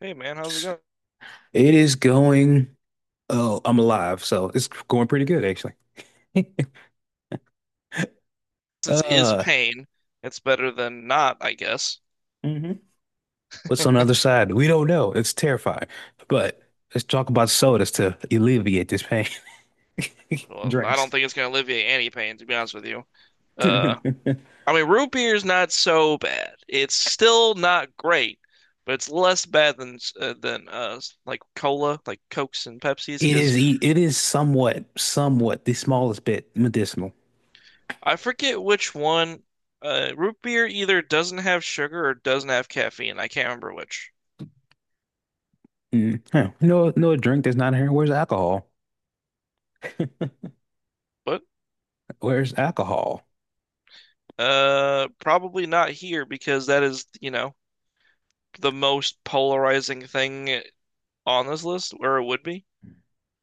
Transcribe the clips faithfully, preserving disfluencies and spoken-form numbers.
Hey man, how's it going? It is going. Oh, I'm alive, so it's going pretty good actually. Since is Uh, pain, it's better than not, I guess. mhm. What's on the other side? We don't know. It's terrifying. But let's talk about sodas to alleviate this pain. Well, I don't Drinks. think it's gonna alleviate any pain, to be honest with you. Uh, I mean, root beer's not so bad. It's still not great, but it's less bad than uh, than uh like cola, like Cokes and Pepsis, It because is. e- It is somewhat, somewhat the smallest bit medicinal. I forget which one. Uh, root beer either doesn't have sugar or doesn't have caffeine. I can't remember which. Mm. Huh. No, no drink that's not here. Where's alcohol? But Where's alcohol? uh, probably not here because that is, you know, the most polarizing thing on this list, or it would be.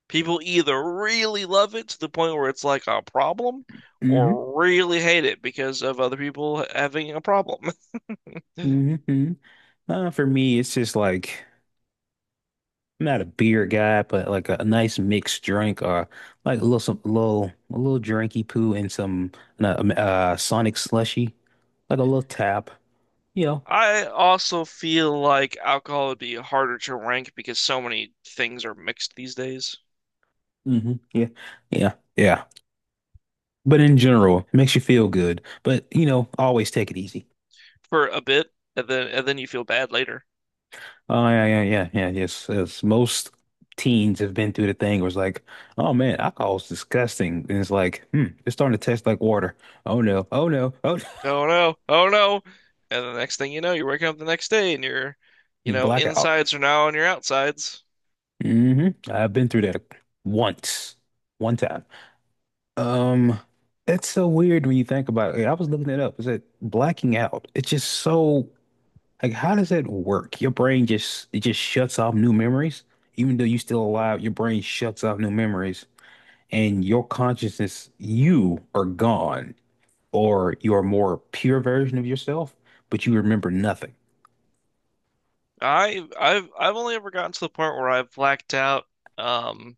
People either really love it to the point where it's like a problem, Hmm. or really hate it because of other people having a problem. Hmm, hmm. Uh, for me, it's just like. I'm not a beer guy, but like a, a nice mixed drink or like a little some little a little drinky poo and some uh, um, uh Sonic slushy, like a little tap. You know. I also feel like alcohol would be harder to rank because so many things are mixed these days Hmm, yeah. Yeah. Yeah. But in general, it makes you feel good. But you know, always take it easy. for a bit, and then and then you feel bad later. Oh yeah, yeah, yeah, yeah. Yes, yes. Most teens have been through the thing where it's like, oh man, alcohol is disgusting. And it's like, hmm, it's starting to taste like water. Oh no, oh no, oh Oh no, oh no. And the next thing you know, you're waking up the next day and your, you know, blackout. insides are now on your outsides. hmm I've been through that once, one time. Um, that's so weird when you think about it. I was looking it up. Is it blacking out? It's just so like, how does that work? Your brain just it just shuts off new memories, even though you're still alive. Your brain shuts off new memories, and your consciousness, you are gone, or you're a more pure version of yourself, but you remember nothing. I I've I've only ever gotten to the point where I've blacked out um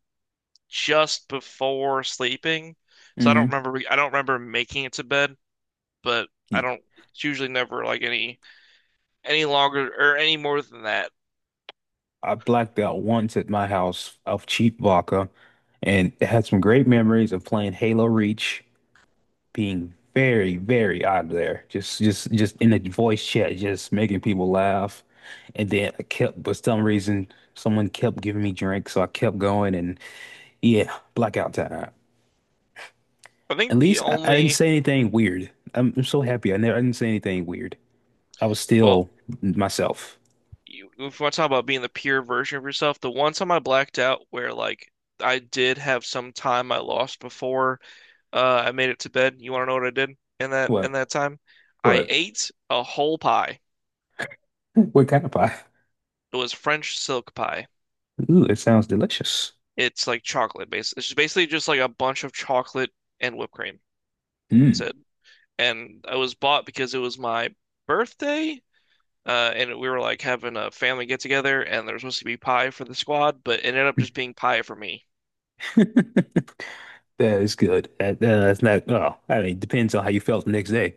just before sleeping. So I don't hmm remember I don't remember making it to bed, but I don't it's usually never like any any longer or any more than that. I blacked out once at my house of cheap vodka and had some great memories of playing Halo Reach, being very, very out there. Just just just in the voice chat, just making people laugh. And then I kept for some reason someone kept giving me drinks, so I kept going and yeah, blackout time. I At think the least I, I didn't only say anything weird. I'm, I'm so happy I never I didn't say anything weird. I was well, still myself. you, if you want to talk about being the pure version of yourself, the one time I blacked out where like I did have some time I lost before uh, I made it to bed. You want to know what I did in that in What? that time? I What? ate a whole pie. What kind of pie? It was French silk pie. Ooh, it sounds delicious. It's like chocolate base. It's just basically just like a bunch of chocolate and whipped cream. That's Mm. it. And I was bought because it was my birthday, uh, and we were like having a family get together, and there was supposed to be pie for the squad, but it ended up just being pie for me. That is good. That, that- that's not, well, I mean, it depends on how you felt the next day.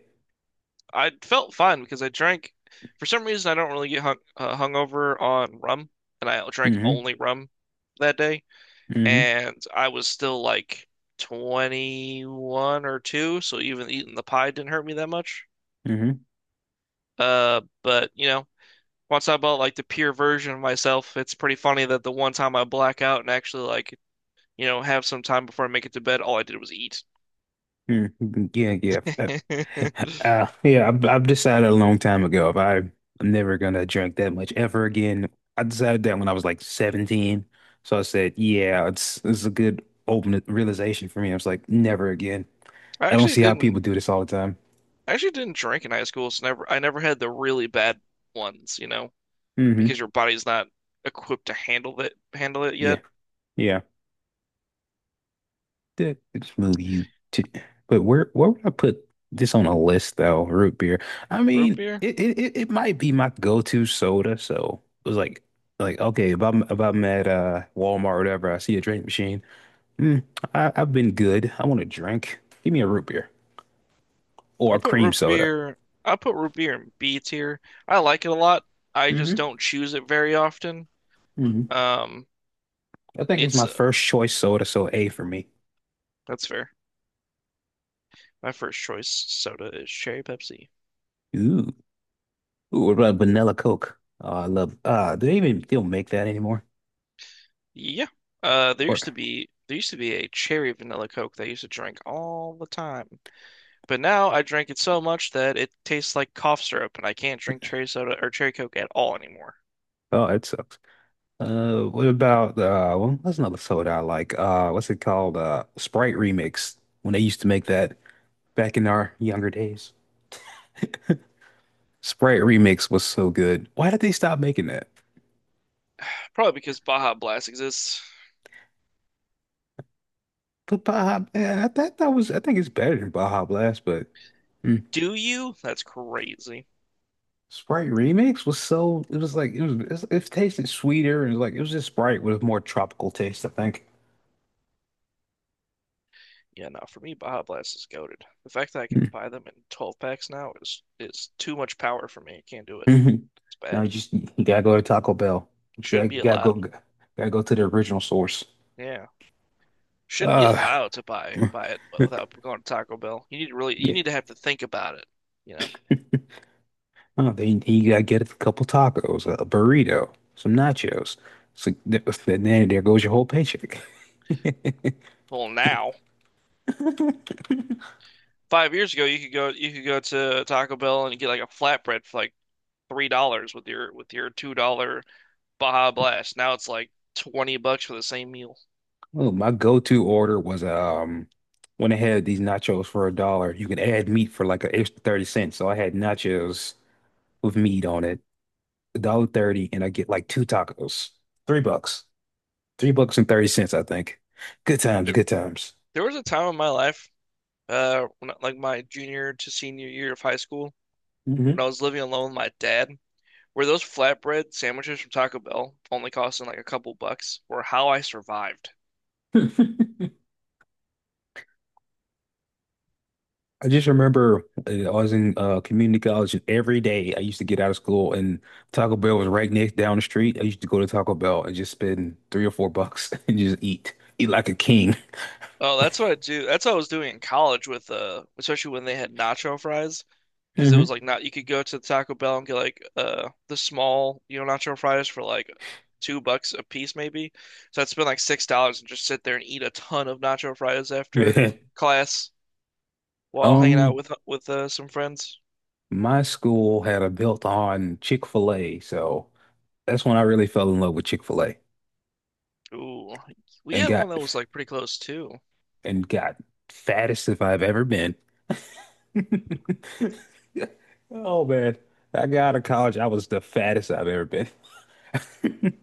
I felt fine because I drank. For some reason, I don't really get hung uh, hungover on rum, and I drank Hmm, only rum that day, hmm, and I was still like twenty-one or two, so even eating the pie didn't hurt me that much. hmm, Uh, but you know, once I bought like the pure version of myself, it's pretty funny that the one time I black out and actually like, you know, have some time before I make it to bed, all I did was eat. mm. Yeah, yeah. Uh, I uh, yeah, I've, I've decided a long time ago if I, I'm never gonna drink that much ever again. I decided that when I was like seventeen. So I said, yeah, it's it's a good open realization for me. I was like, never again. I don't actually see how didn't people do this all the time. I actually didn't drink in high school, so never I never had the really bad ones, you know, because Hmm, your body's not equipped to handle it handle it yet. yeah, yeah. That the move you to but where where would I put this on a list though? Root beer. I Root mean, beer? it it, it it might be my go-to soda, so it was like like okay, if I'm if I'm at uh Walmart or whatever, I see a drink machine. Mm, I, I've been good. I want a drink. Give me a root beer or I a put cream root soda. beer I put root beer in B tier. I like it a lot. I just hmm don't choose it very often. hmm Um, I think it's it's my uh, first choice soda, so A for me. that's fair. My first choice soda is cherry Pepsi. Ooh. Ooh, what about vanilla Coke? Oh, I love uh do they even still make that anymore? Yeah. Uh, there Or used to be there used to be a cherry vanilla Coke that I used to drink all the time. But now I drink it so much that it tastes like cough syrup and I can't drink cherry soda or cherry Coke at all anymore. oh, it sucks. Uh, what about uh? Well, that's another soda I like. Uh, what's it called? Uh, Sprite Remix. When they used to make that back in our younger days, Sprite Remix was so good. Why did they stop making that? Probably because Baja Blast exists. But Baja, man, I thought that was. I think it's better than Baja Blast, but mm, Do you? That's crazy. Sprite Remix was so. It was like it was. It, was- it tasted sweeter and it was like it was just Sprite with a more tropical taste. I think. Yeah, no, for me Baja Blast is goated. The fact that I can buy them in twelve packs now is is too much power for me. I can't do it. Mm. It's No, you bad. just you gotta go to Taco Bell. You gotta, Shouldn't be gotta go. allowed. Gotta go to the original source. Yeah. Shouldn't be Uh. allowed to buy buy it without going to Taco Bell. You need to really you Yeah. need to have to think about it, you know. Oh, then he gotta get a couple tacos, a burrito, some nachos. So th- then there goes your whole paycheck. Well, now, five years ago, you could go you could go to Taco Bell and get like a flatbread for like three dollars with your with your two dollar Baja Blast. Now it's like twenty bucks for the same meal. Oh, my go-to order was um when they had these nachos for a dollar. You could add meat for like an extra thirty cents. So I had nachos with meat on it, a dollar thirty, and I get like two tacos. Three bucks. Three bucks and thirty cents, I think. Good times, There good times. there was a time in my life, uh, when, I- like my junior to senior year of high school, when I hmm was living alone with my dad. Where those flatbread sandwiches from Taco Bell only costing like a couple bucks were how I survived. I just remember uh, I was in uh, community college, and every day I used to get out of school, and Taco Bell was right next down the street. I used to go to Taco Bell and just spend three or four bucks and just eat, eat like a king. Oh, that's what I do. That's what I was doing in college with uh, especially when they had nacho fries, because it hmm was like not you could go to Taco Bell and get like uh the small you know nacho fries for like two bucks a piece maybe. So I'd spend like six dollars and just sit there and eat a ton of nacho fries after class while hanging out Um, with with uh, some friends. my school had a built-on Chick-fil-A, so that's when I really fell in love with Chick-fil-A Ooh, we and had one got that was like pretty close too. and got fattest if I've ever been. Oh man, I got out of college, I was the fattest I've ever been.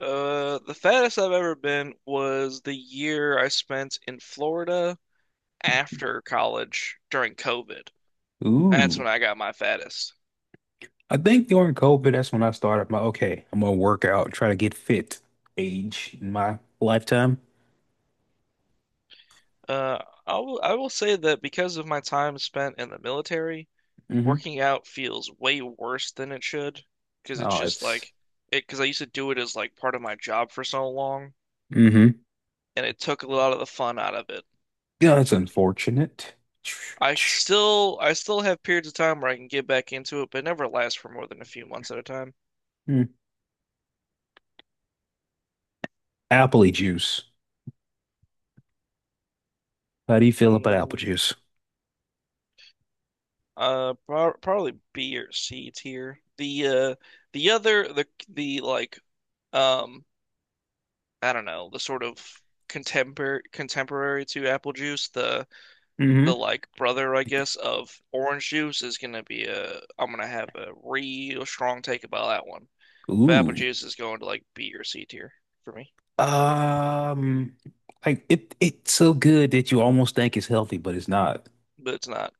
Uh, the fattest I've ever been was the year I spent in Florida after college during COVID. That's when Ooh, I got my fattest. I think during COVID, that's when I started my okay, I'm gonna work out, try to get fit age in my lifetime. Uh, I will I will say that because of my time spent in the military, hmm working out feels way worse than it should because it's Oh, just it's. like it because I used to do it as like part of my job for so long, hmm and it took a lot of the fun out of it Yeah, that's for me. unfortunate. I still I still have periods of time where I can get back into it, but it never lasts for more than a few months at a time. Mm. Apple juice. How do you feel about apple Mm, juice? uh, pro probably B or C tier. The uh the other the the like. Um I don't know, the sort of contemporary contemporary to apple juice, the hmm the like brother, I guess, of orange juice is gonna be a I'm gonna have a real strong take about that one. But apple Ooh. juice is going to like B or C tier for me. Um, like it it's so good that you almost think it's healthy, but it's not. But it's not.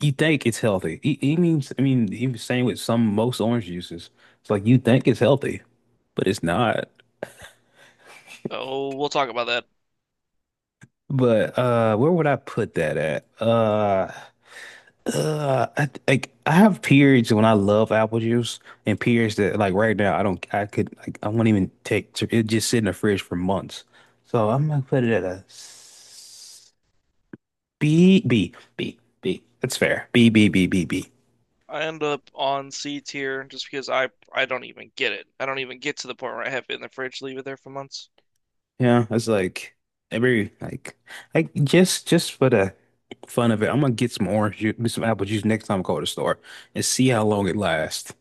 You think it's healthy. He, he means, I mean, he was saying with some most orange juices, it's like you think it's healthy, but it's not. Oh, we'll talk about that. But uh, where would I put that at? Uh, uh, I, like I have periods when I love apple juice, and periods that like right now I don't, I could, like, I won't even take. to- It just sit in the fridge for months. So I'm gonna put it at a s- B, B, B, B. That's fair. B, B, B, B, B. I end up on C tier just because I I don't even get it. I don't even get to the point where I have it in the fridge, leave it there for months. Yeah, that's like every like, like just just for the fun of it, I'm gonna get some orange juice, some apple juice next time I go to the store and see how long it lasts.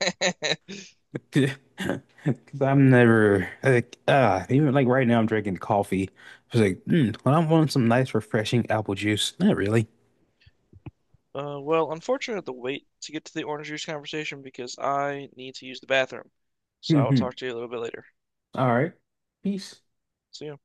Because I'm never like ah even like right now I'm drinking coffee. I was like, mm, when I want some nice refreshing apple juice, not really. Uh, well, unfortunately, I have to wait to get to the orange juice conversation because I need to use the bathroom. So I'll All talk to you a little bit later. right, peace. See ya.